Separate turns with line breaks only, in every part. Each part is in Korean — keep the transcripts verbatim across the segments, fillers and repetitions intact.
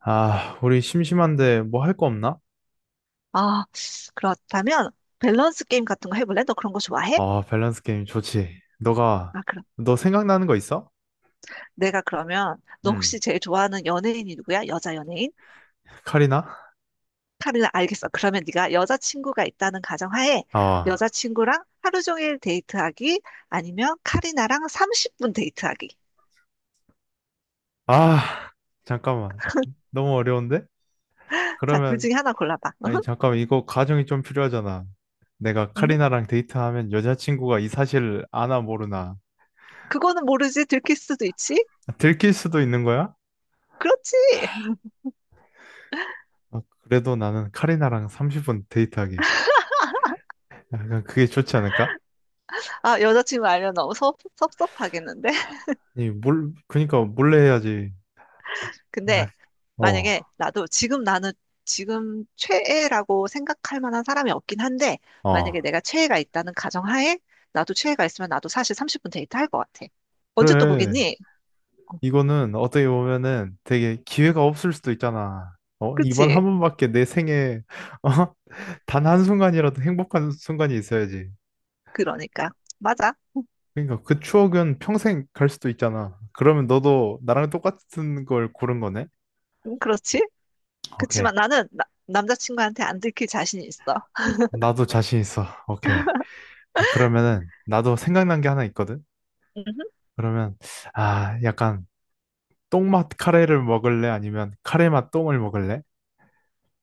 아, 우리 심심한데 뭐 할 거 없나?
아, 그렇다면 밸런스 게임 같은 거 해볼래? 너 그런 거 좋아해?
아, 밸런스 게임 좋지. 너가,
아, 그럼
너 생각나는 거 있어?
내가 그러면 너
음,
혹시 제일 좋아하는 연예인이 누구야? 여자 연예인?
카리나?
카리나 알겠어. 그러면 네가 여자친구가 있다는 가정하에
아,
여자친구랑 하루 종일 데이트하기 아니면 카리나랑 삼십 분 데이트하기.
아, 잠깐만. 너무 어려운데?
자, 둘
그러면,
중에 하나 골라봐.
아니,
으흠,
잠깐만. 이거 가정이 좀 필요하잖아. 내가
음?
카리나랑 데이트하면 여자친구가 이 사실 아나 모르나.
그거는 모르지. 들킬 수도 있지.
들킬 수도 있는 거야?
그렇지.
아, 그래도 나는 카리나랑 삼십 분 데이트하기. 약간 그게 좋지 않을까?
아, 여자친구 알면 너무 섭, 섭섭하겠는데?
아니, 몰, 그니까 몰래 해야지.
근데
아, 어,
만약에 나도 지금 나는 지금 최애라고 생각할 만한 사람이 없긴 한데, 만약에
어.
내가 최애가 있다는 가정하에 나도 최애가 있으면 나도 사실 삼십 분 데이트 할 것 같아. 언제 또
그래.
보겠니? 어,
이거는 어떻게 보면은 되게 기회가 없을 수도 있잖아. 어? 이번 한
그치?
번밖에 내 생에 어? 단 한순간이라도 행복한 순간이 있어야지.
그러니까. 맞아.
그러니까 그 추억은 평생 갈 수도 있잖아. 그러면 너도 나랑 똑같은 걸 고른 거네?
음, 그렇지?
오케이.
그치만 나는 나- 남자친구한테 안 들킬 자신이 있어.
나도 자신 있어. 오케이. 그러면은 나도 생각난 게 하나 있거든?
음흠.
그러면 아, 약간 똥맛 카레를 먹을래? 아니면 카레맛 똥을 먹을래?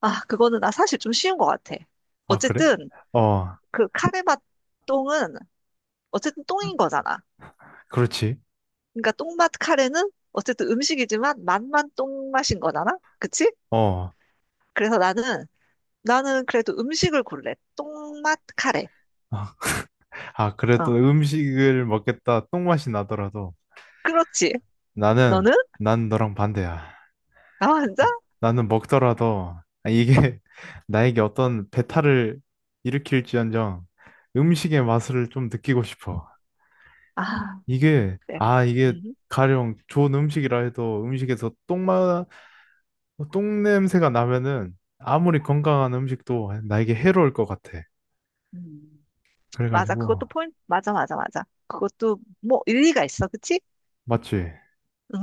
아, 그거는 나 사실 좀 쉬운 것 같아.
아, 그래?
어쨌든
어,
그 카레맛 똥은 어쨌든 똥인 거잖아.
그렇지.
그러니까 똥맛 카레는 어쨌든 음식이지만 맛만 똥맛인 거잖아? 그치?
어.
그래서 나는, 나는 그래도 음식을 골래. 똥맛 카레.
아, 아,
어,
그래도 음식을 먹겠다 똥맛이 나더라도
그렇지.
나는,
너는?
난 너랑 반대야.
나 혼자?
나는 먹더라도 아, 이게 나에게 어떤 배탈을 일으킬지언정 음식의 맛을 좀 느끼고 싶어.
아,
이게,
그래.
아, 이게
음,
가령 좋은 음식이라 해도 음식에서 똥맛, 똥냄새가 나면은 아무리 건강한 음식도 나에게 해로울 것 같아.
음. 맞아. 그것도
그래가지고,
포인트. 맞아, 맞아, 맞아. 그것도 뭐 일리가 있어. 그치?
맞지?
음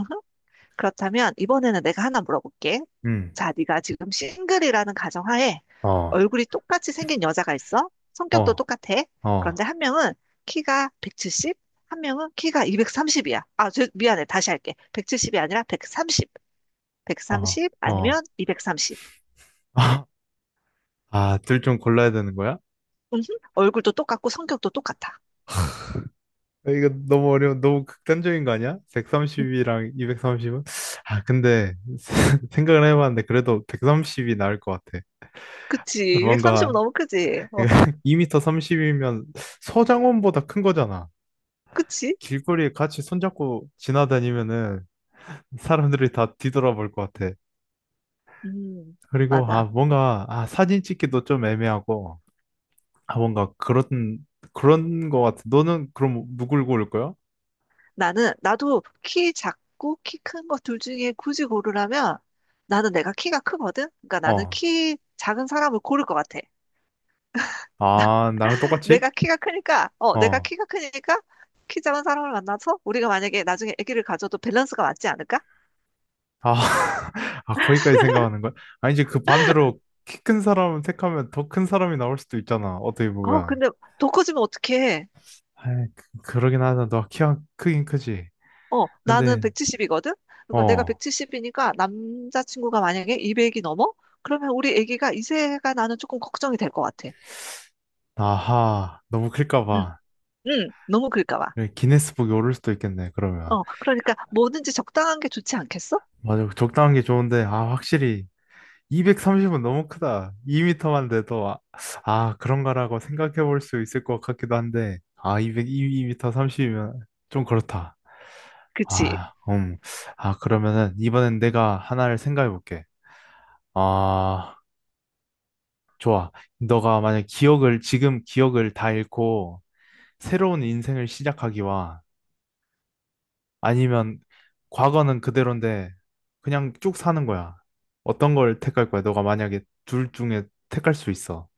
그렇다면 이번에는 내가 하나 물어볼게.
응.
자, 네가 지금 싱글이라는 가정하에
어,
얼굴이 똑같이 생긴 여자가 있어. 성격도
어,
똑같아.
어,
그런데 한 명은 키가 백칠십, 한 명은 키가 이백삼십이야. 아, 저, 미안해. 다시 할게. 백칠십이 아니라 백삼십.
어,
백삼십
어.
아니면 이백삼십.
아, 둘 좀 골라야 되는 거야?
음, 얼굴도 똑같고 성격도 똑같아.
아, 이거 너무 어려운, 너무 극단적인 거 아니야?
음,
백삼십이랑 이백삼십은? 아, 근데 생각을 해봤는데 그래도 백삼십이 나을 것 같아.
그치. 이백삼십은
뭔가
너무 크지. 어,
이 미터 삼십이면 서장훈보다 큰 거잖아.
그치?
길거리에 같이 손잡고 지나다니면은 사람들이 다 뒤돌아볼 것 같아.
음,
그리고 아,
맞아.
뭔가 아, 사진 찍기도 좀 애매하고 아, 뭔가 그런 그런 거 같아. 너는 그럼 누굴 고를 거야?
나는, 나도 키 작고 키 큰 것 둘 중에 굳이 고르라면 나는 내가 키가 크거든? 그러니까 나는
어.
키 작은 사람을 고를 것 같아.
아, 나랑 똑같이?
내가 키가 크니까, 어, 내가
어.
키가 크니까 키 작은 사람을 만나서 우리가 만약에 나중에 아기를 가져도 밸런스가 맞지 않을까?
아, 아, 거기까지 생각하는 거야? 아니, 이제 그 반대로 키 큰 사람 택하면 더 큰 사람이 나올 수도 있잖아. 어떻게
어,
보면.
근데 더 커지면 어떡해.
아, 그러긴 하다. 너 키가 크긴 크지.
어, 나는
근데,
백칠십이거든? 그러니까 내가
어,
백칠십이니까 남자친구가 만약에 이백이 넘어? 그러면 우리 아기가 이세가 나는 조금 걱정이 될 것 같아.
아하, 너무 클까
응,
봐.
응, 너무 클까 봐.
여기 기네스북에 오를 수도 있겠네, 그러면.
어, 그러니까 뭐든지 적당한 게 좋지 않겠어?
맞아, 적당한 게 좋은데, 아, 확실히. 이백삼십은 너무 크다. 이 미터만 돼도, 아, 아, 그런가라고 생각해 볼 수 있을 것 같기도 한데, 아, 이백, 이 미터 삼십이면 좀 그렇다.
그치?
아, 음. 아, 그러면은 이번엔 내가 하나를 생각해 볼게. 아, 좋아. 너가 만약 기억을, 지금 기억을 다 잃고 새로운 인생을 시작하기와 아니면 과거는 그대로인데 그냥 쭉 사는 거야. 어떤 걸 택할 거야? 너가 만약에 둘 중에 택할 수 있어.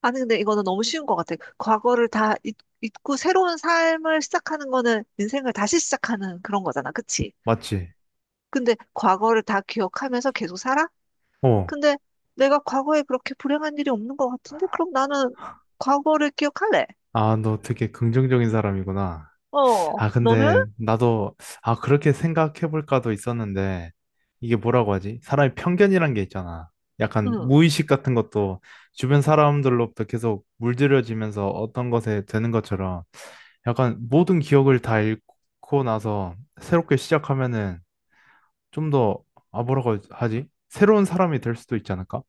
아니, 근데 이거는 너무 쉬운 것 같아. 과거를 다 잊, 잊고 새로운 삶을 시작하는 거는 인생을 다시 시작하는 그런 거잖아. 그치?
맞지?
근데 과거를 다 기억하면서 계속 살아?
어.
근데 내가 과거에 그렇게 불행한 일이 없는 것 같은데? 그럼 나는 과거를 기억할래.
아, 너 되게 긍정적인 사람이구나.
어,
아,
너는?
근데 나도, 아, 그렇게 생각해볼까도 있었는데, 이게 뭐라고 하지? 사람이 편견이란 게 있잖아. 약간
응.
무의식 같은 것도 주변 사람들로부터 계속 물들여지면서 어떤 것에 되는 것처럼 약간 모든 기억을 다 잃고 나서 새롭게 시작하면은 좀 더, 아, 뭐라고 하지? 새로운 사람이 될 수도 있지 않을까?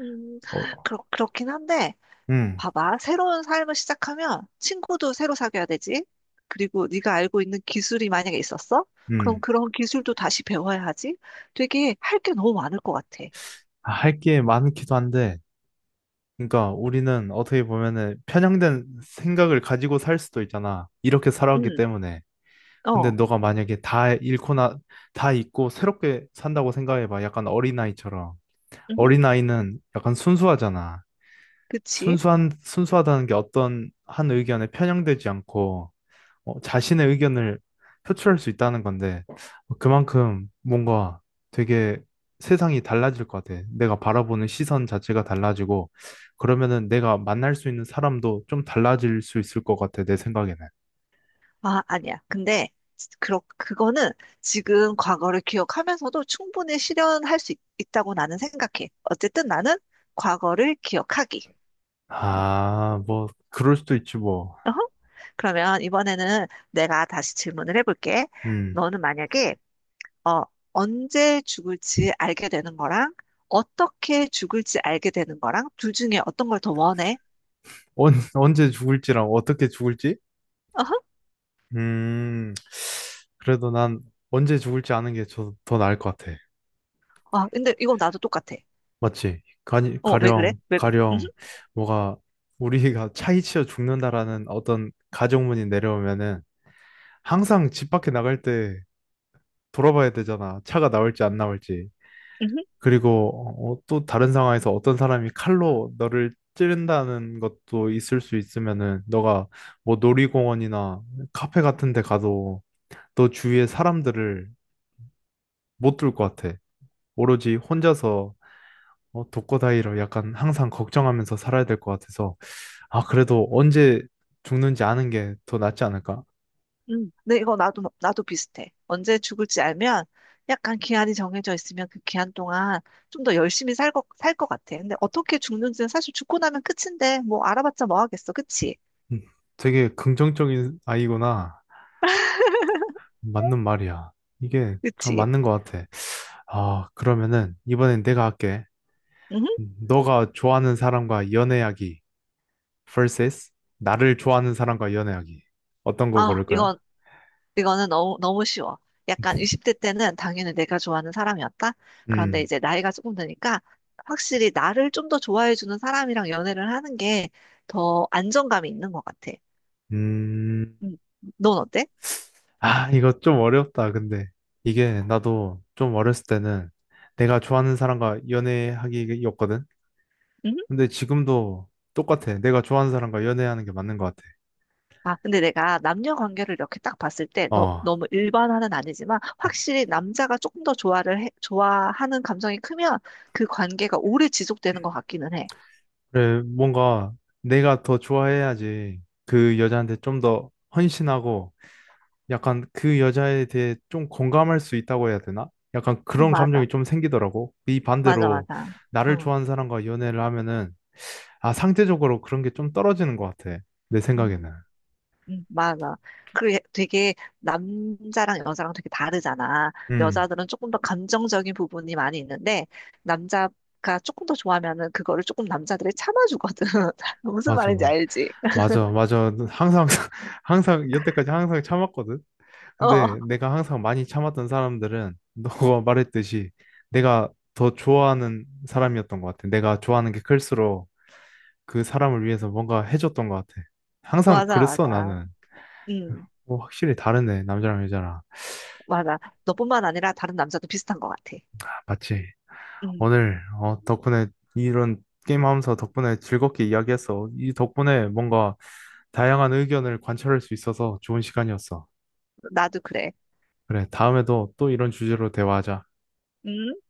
음,
어,
그렇, 그렇긴 한데.
음,
봐봐. 새로운 삶을 시작하면 친구도 새로 사귀어야 되지. 그리고 네가 알고 있는 기술이 만약에 있었어? 그럼
음.
그런 기술도 다시 배워야 하지. 되게 할 게 너무 많을 것 같아.
아, 할 게 많기도 한데, 그러니까 우리는 어떻게 보면은 편향된 생각을 가지고 살 수도 있잖아. 이렇게 살아왔기
응,
때문에. 근데
어,
너가 만약에 다 잃고 나, 다 잊고 새롭게 산다고 생각해봐. 약간 어린아이처럼.
음,
어린아이는 약간 순수하잖아.
그치?
순수한, 순수하다는 게 어떤 한 의견에 편향되지 않고 어, 자신의 의견을 표출할 수 있다는 건데 어, 그만큼 뭔가 되게 세상이 달라질 것 같아. 내가 바라보는 시선 자체가 달라지고 그러면은 내가 만날 수 있는 사람도 좀 달라질 수 있을 것 같아. 내 생각에는.
아, 아니야. 근데 그러, 그거는 지금 과거를 기억하면서도 충분히 실현할 수 있, 있다고 나는 생각해. 어쨌든 나는 과거를 기억하기. 음,
아, 뭐 그럴 수도 있지 뭐.
어허. 그러면 이번에는 내가 다시 질문을 해볼게.
음.
너는 만약에 어, 언제 죽을지 알게 되는 거랑 어떻게 죽을지 알게 되는 거랑 둘 중에 어떤 걸 더 원해?
언, 언제 죽을지랑 어떻게 죽을지?
어허?
음. 그래도 난 언제 죽을지 아는 게 더 나을 것 같아.
아, 근데 이거 나도 똑같아.
맞지? 가
어, 왜 그래?
가령,
왜 그래? 음,
가령, 뭐가, 우리가 차이치어 죽는다라는 어떤 가정문이 내려오면은 항상 집 밖에 나갈 때 돌아봐야 되잖아. 차가 나올지 안 나올지.
음,
그리고 어, 또 다른 상황에서 어떤 사람이 칼로 너를 찌른다는 것도 있을 수 있으면은 너가 뭐 놀이공원이나 카페 같은 데 가도 너 주위에 사람들을 못 둘 것 같아. 오로지 혼자서 어, 독거다이로 약간 항상 걱정하면서 살아야 될 것 같아서. 아, 그래도 언제 죽는지 아는 게 더 낫지 않을까?
음. 근데 이거 나도 나도 비슷해. 언제 죽을지 알면 약간 기한이 정해져 있으면 그 기한 동안 좀 더 열심히 살 것, 살 것 같아. 근데 어떻게 죽는지는 사실 죽고 나면 끝인데 뭐 알아봤자 뭐 하겠어. 그치?
음, 되게 긍정적인 아이구나. 맞는 말이야. 이게 어,
그치?
맞는 것 같아. 아, 그러면은 이번엔 내가 할게.
음?
음, 너가 좋아하는 사람과 연애하기 vs 나를 좋아하는 사람과 연애하기. 어떤 거
아,
고를 거야?
이건 이거는 너무, 너무 쉬워. 약간 이십 대 때는 당연히 내가 좋아하는 사람이었다. 그런데
음,
이제 나이가 조금 드니까 확실히 나를 좀 더 좋아해주는 사람이랑 연애를 하는 게 더 안정감이 있는 것 같아.
음,
음, 넌 어때?
아, 이거 좀 어렵다. 근데 이게 나도 좀 어렸을 때는 내가 좋아하는 사람과 연애하기였거든.
음?
근데 지금도 똑같아. 내가 좋아하는 사람과 연애하는 게 맞는 것 같아.
아, 근데 내가 남녀 관계를 이렇게 딱 봤을 때 너,
어,
너무 일반화는 아니지만 확실히 남자가 조금 더 좋아를 해- 좋아하는 감정이 크면 그 관계가 오래 지속되는 것 같기는 해.
그래, 뭔가 내가 더 좋아해야지 그 여자한테 좀 더 헌신하고 약간 그 여자에 대해 좀 공감할 수 있다고 해야 되나? 약간
음,
그런
맞아.
감정이 좀 생기더라고. 이
맞아,
반대로
맞아.
나를
어.
좋아하는 사람과 연애를 하면은 아, 상대적으로 그런 게 좀 떨어지는 것 같아. 내 생각에는.
음. 음, 맞아. 그 되게 남자랑 여자랑 되게 다르잖아.
음,
여자들은 조금 더 감정적인 부분이 많이 있는데 남자가 조금 더 좋아하면은 그거를 조금 남자들이 참아주거든. 무슨
맞아,
말인지
맞아.
알지?
맞아, 맞아. 항상, 항상, 여태까지 항상 참았거든.
어,
근데 내가 항상 많이 참았던 사람들은 너가 말했듯이 내가 더 좋아하는 사람이었던 것 같아. 내가 좋아하는 게 클수록 그 사람을 위해서 뭔가 해줬던 것 같아. 항상
맞아,
그랬어,
맞아.
나는.
음,
뭐 확실히 다르네, 남자랑 여자랑.
맞아. 너뿐만 아니라 다른 남자도 비슷한 것 같아.
맞지?
음,
오늘 어, 덕분에 이런 게임하면서 덕분에 즐겁게 이야기했어. 이 덕분에 뭔가 다양한 의견을 관찰할 수 있어서 좋은 시간이었어.
나도 그래.
그래, 다음에도 또 이런 주제로 대화하자.
음.